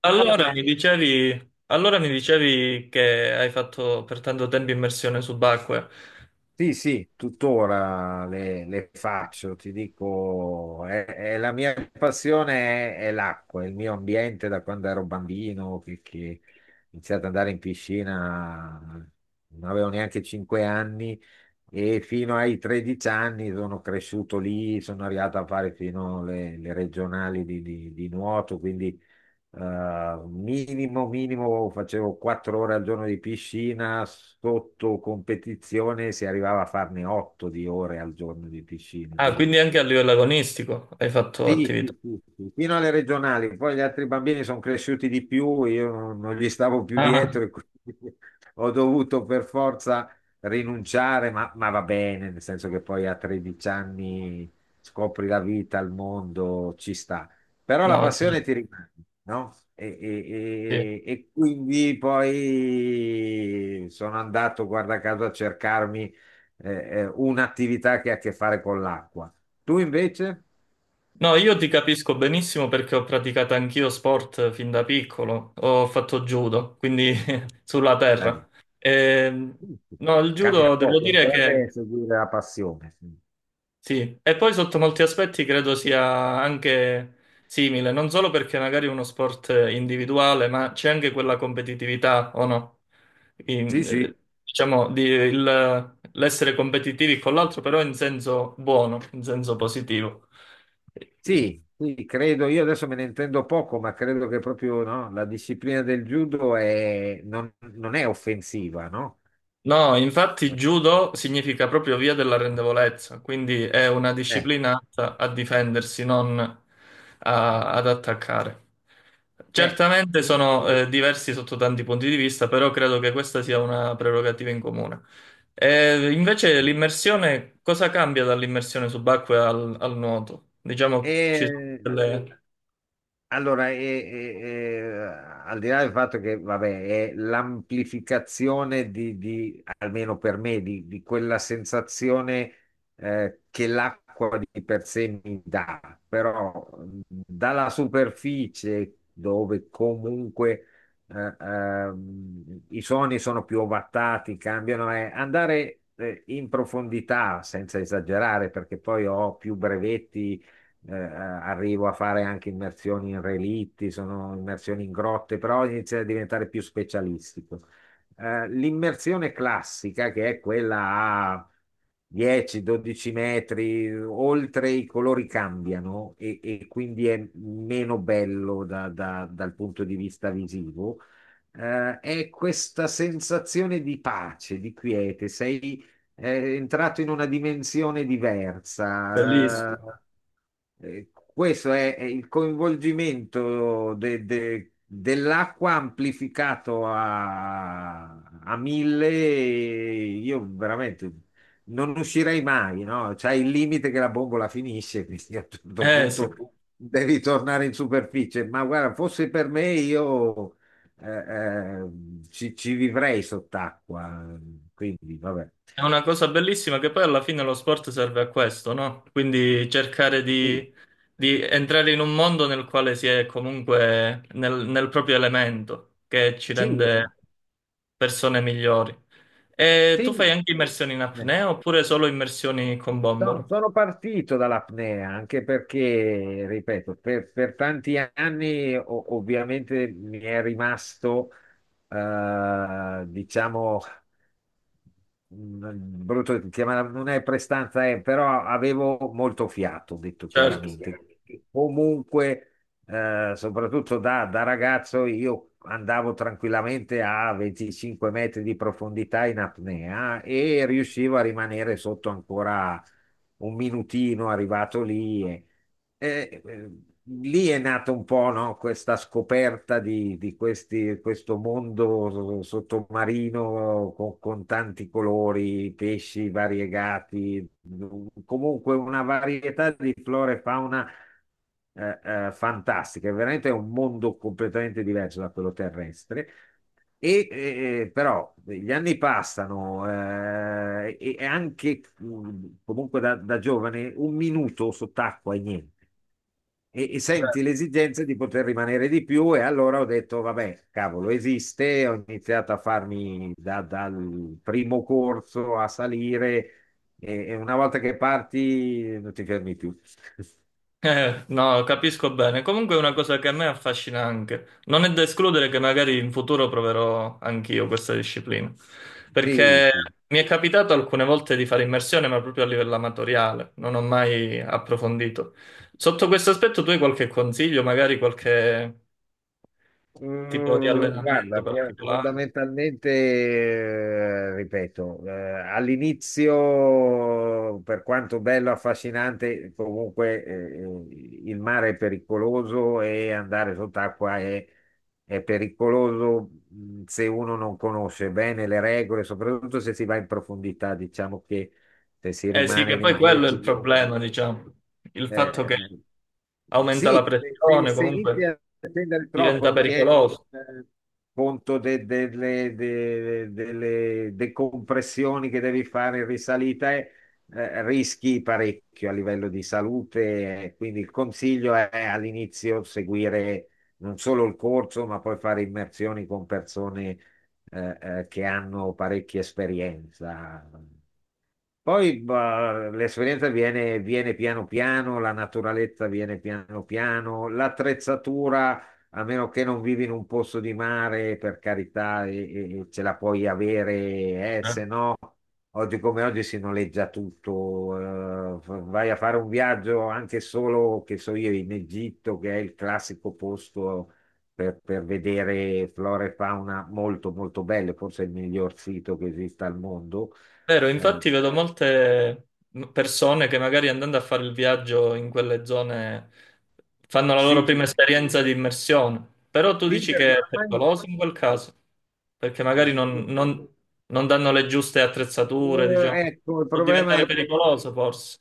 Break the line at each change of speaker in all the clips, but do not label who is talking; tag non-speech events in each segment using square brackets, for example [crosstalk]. Allora, mi dicevi, che hai fatto per tanto tempo immersione subacquea.
Sì, sì, tuttora le faccio, ti dico, è la mia passione, è l'acqua, è il mio ambiente da quando ero bambino, che ho iniziato ad andare in piscina, non avevo neanche 5 anni e fino ai 13 anni sono cresciuto lì, sono arrivato a fare fino alle regionali di nuoto. Quindi minimo, minimo, facevo 4 ore al giorno di piscina, sotto competizione si arrivava a farne 8 di ore al giorno di piscina.
Ah,
Quindi
quindi anche a livello agonistico hai fatto
sì,
attività.
sì, sì, sì, fino alle regionali. Poi gli altri bambini sono cresciuti di più, io non gli stavo più
Ah,
dietro e quindi [laughs] ho dovuto per forza rinunciare, ma va bene, nel senso che poi a 13 anni scopri la vita, il mondo, ci sta. Però la
no,
passione ti rimane, no? E,
sì.
e- e- e quindi poi sono andato, guarda caso, a cercarmi eh, un'attività che ha a che fare con l'acqua. Tu invece?
No, io ti capisco benissimo perché ho praticato anch'io sport fin da piccolo. Ho fatto judo, quindi [laughs] sulla terra. Ehm,
Giusto.
no, il
Cambia
judo devo
poco,
dire
dovrebbe
che
seguire la passione.
sì, e poi sotto molti aspetti credo sia anche simile, non solo perché magari è uno sport individuale, ma c'è anche quella competitività, o no?
Sì,
In-
sì.
eh, diciamo, l'essere competitivi con l'altro, però in senso buono, in senso positivo.
Sì, sì, credo, io adesso me ne intendo poco, ma credo che proprio no, la disciplina del judo è- non è offensiva, no?
No, infatti judo significa proprio via della rendevolezza, quindi è una
Eh,
disciplina atta a difendersi, non ad attaccare.
eh.
Certamente sono diversi sotto tanti punti di vista, però credo che questa sia una prerogativa in comune. E invece
Sì.
l'immersione, cosa cambia dall'immersione subacquea al, al nuoto? Diciamo ci sono
E,
delle
Allora, al di là del fatto che, vabbè, è l'amplificazione di, almeno per me, di quella sensazione che l'acqua di per sé mi dà, però dalla superficie dove comunque i suoni sono più ovattati, cambiano. Andare in profondità, senza esagerare, perché poi ho più brevetti arrivo a fare anche immersioni in relitti, sono immersioni in grotte, però inizia a diventare più specialistico. L'immersione classica, che è quella a 10-12 metri, oltre i colori cambiano e quindi è meno bello dal punto di vista visivo. È questa sensazione di pace, di quiete, sei entrato in una dimensione diversa.
bellissime.
Questo è il coinvolgimento dell'acqua amplificato a, a mille. Io veramente non uscirei mai, no? C'è il limite che la bombola finisce, [laughs] quindi a un certo
Eh sì.
punto devi tornare in superficie. Ma guarda, fosse per me, io eh, eh, ci vivrei sott'acqua. Quindi, vabbè.
È una cosa bellissima che poi alla fine lo sport serve a questo, no? Quindi cercare
Sì,
di entrare in un mondo nel quale si è comunque nel, nel proprio elemento, che ci
sì,
rende
esatto.
persone migliori. E tu fai
Sì.
anche immersioni in
Eh.
apnea oppure solo immersioni con bombola?
No,
Tutto.
sono partito dall'apnea anche perché, ripeto, per tanti anni ovviamente mi è rimasto, diciamo, mm, brutto da dire, ma non è prestanza, però avevo molto fiato, ho detto
Certo.
chiaramente.
Tutto.
Comunque, soprattutto da ragazzo, io andavo tranquillamente a 25 metri di profondità in apnea e riuscivo a rimanere sotto ancora un minutino arrivato lì. Eh, eh, Lì è nata un po', no, questa scoperta di questo mondo sottomarino con tanti colori, pesci variegati, comunque una varietà di flora e fauna eh, fantastica. Veramente è un mondo completamente diverso da quello terrestre. Però gli anni passano e anche mm, comunque da giovane un minuto sott'acqua e niente, e, e senti l'esigenza di poter rimanere di più. E allora ho detto, vabbè, cavolo, esiste, ho iniziato a farmi dal primo corso a salire e una volta che parti non ti fermi più. [laughs]
No, capisco bene. Comunque è una cosa che a me affascina anche. Non è da escludere che magari in futuro proverò anch'io questa disciplina.
Sì,
Perché
sì.
mi è capitato alcune volte di fare immersione, ma proprio a livello amatoriale. Non ho mai approfondito. Sotto questo aspetto, tu hai qualche consiglio, magari qualche tipo di
Mm,
allenamento
guarda,
particolare?
fondamentalmente, ripeto, all'inizio, per quanto bello, affascinante, comunque il mare è pericoloso e andare sott'acqua è pericoloso, mm, se uno non conosce bene le regole, soprattutto se si va in profondità. Diciamo che se si
Eh sì,
rimane
che poi
nei
quello è
10
il
metri.
problema, diciamo. Il fatto
Eh,
che
eh,
aumenta la
sì,
pressione,
se inizi
comunque
a spendere troppo
diventa
non tieni
pericoloso.
eh, conto delle decompressioni che devi fare in risalita e rischi parecchio a livello di salute. Quindi il consiglio è all'inizio seguire non solo il corso, ma poi fare immersioni con persone che hanno parecchia esperienza. Poi bah, l'esperienza viene, viene piano piano, la naturalezza viene piano piano, l'attrezzatura, a meno che non vivi in un posto di mare, per carità, e ce la puoi avere,
Eh.
se no, oggi come oggi si noleggia tutto. Vai a fare un viaggio anche solo, che so io, in Egitto, che è il classico posto per vedere flora e fauna molto molto belle, forse il miglior sito che esista al mondo.
Vero,
Eh,
infatti vedo molte persone che magari andando a fare il viaggio in quelle zone fanno la loro
sì,
prima esperienza di immersione, però tu
sì,
dici
perché
che è
ormai...
pericoloso in quel caso, perché magari non,
Eh,
non- non danno le giuste attrezzature, diciamo,
ecco, il
può
problema
diventare
è che
pericoloso forse.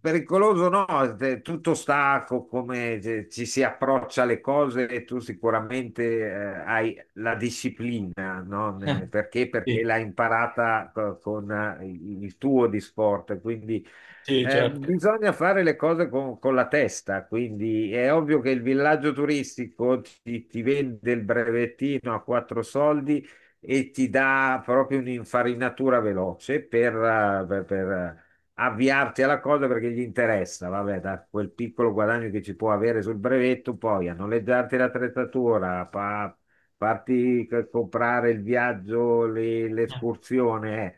pericoloso no, tutto sta come se ci si approccia alle cose e tu sicuramente eh, hai la disciplina, no?
Eh,
Perché? Perché
Sì,
l'hai imparata con il tuo di sport, quindi
sì, certo.
bisogna fare le cose con la testa, quindi è ovvio che il villaggio turistico ti vende il brevettino a quattro soldi e ti dà proprio un'infarinatura veloce per per avviarti alla cosa perché gli interessa, vabbè, da quel piccolo guadagno che ci può avere sul brevetto, poi a noleggiarti l'attrezzatura, farti comprare il viaggio,
Eh,
l'escursione,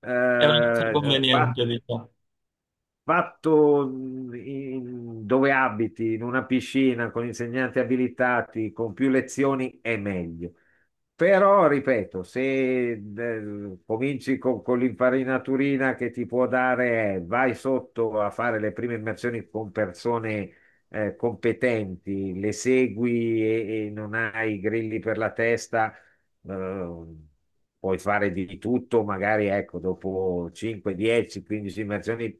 eh.
è una cosa
Fa
conveniente, diciamo.
Fatto dove abiti, in una piscina con insegnanti abilitati, con più lezioni, è meglio. Però, ripeto, se cominci con l'infarinaturina che ti può dare, è, vai sotto a fare le prime immersioni con persone competenti, le segui e non hai grilli per la testa, eh, puoi fare di tutto. Magari ecco, dopo 5, 10, 15 immersioni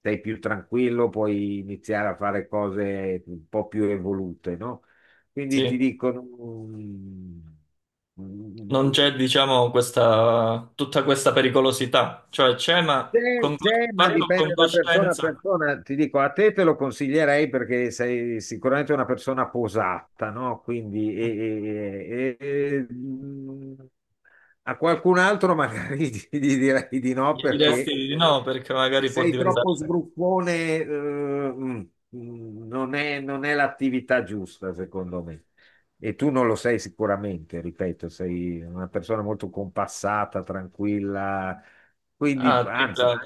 sei più tranquillo, puoi iniziare a fare cose un po' più evolute, no? Quindi ti
Sì.
dicono, mm, mm,
Non c'è, diciamo, questa, tutta questa pericolosità, cioè c'è, ma
c'è,
con,
c'è, ma
fatto con
dipende da persona a
coscienza.
persona. Ti dico, a te te lo consiglierei perché sei sicuramente una persona posata, no? Quindi mm, a qualcun altro magari [laughs] gli direi di no
Gli
perché
diresti di no perché
se
magari può
sei
diventare...
troppo sbruffone, eh, mm, mm, non è l'attività giusta, secondo me. E tu non lo sei sicuramente, ripeto, sei una persona molto compassata, tranquilla. Quindi,
Ah,
anzi,
tripla.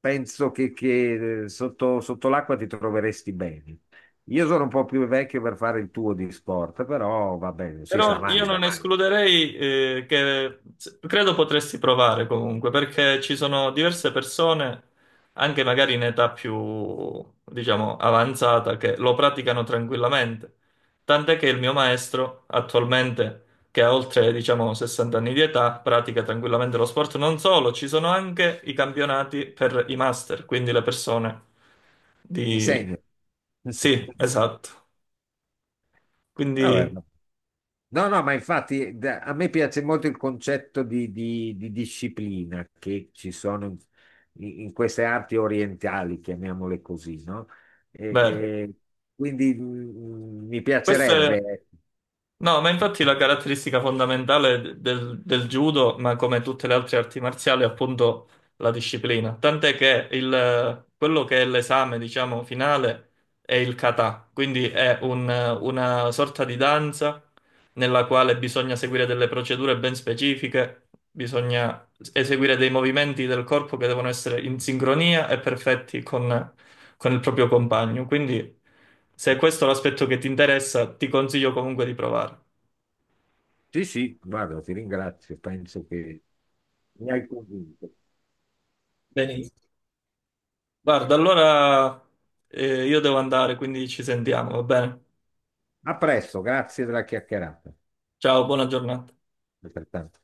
penso che sotto, sotto l'acqua ti troveresti bene. Io sono un po' più vecchio per fare il tuo di sport, però va bene, si sa
Però io
mai.
non escluderei, che credo potresti provare comunque, perché ci sono diverse persone, anche magari in età più, diciamo, avanzata, che lo praticano tranquillamente. Tant'è che il mio maestro, attualmente, che ha oltre, diciamo, 60 anni di età, pratica tranquillamente lo sport. Non solo, ci sono anche i campionati per i master, quindi le persone
Mi
di...
segno. [laughs]
Sì, esatto.
Vabbè,
Quindi,
no. No, no, ma infatti a me piace molto il concetto di, di disciplina che ci sono in, in queste arti orientali, chiamiamole così, no? E-
bene.
e quindi mm, mm, mi
Questo è...
piacerebbe, ecco.
No, ma infatti la caratteristica fondamentale del, del judo, ma come tutte le altre arti marziali, è appunto la disciplina. Tant'è che quello che è l'esame, diciamo, finale è il kata, quindi è un- una sorta di danza nella quale bisogna seguire delle procedure ben specifiche, bisogna eseguire dei movimenti del corpo che devono essere in sincronia e perfetti con il proprio compagno. Quindi, se questo è l'aspetto che ti interessa, ti consiglio comunque di provare.
Sì, sì, guarda, ti ringrazio, penso che mi hai convinto.
Benissimo. Guarda, allora io devo andare, quindi ci sentiamo, va bene?
A presto, grazie della chiacchierata.
Ciao, buona giornata.
Altrettanto.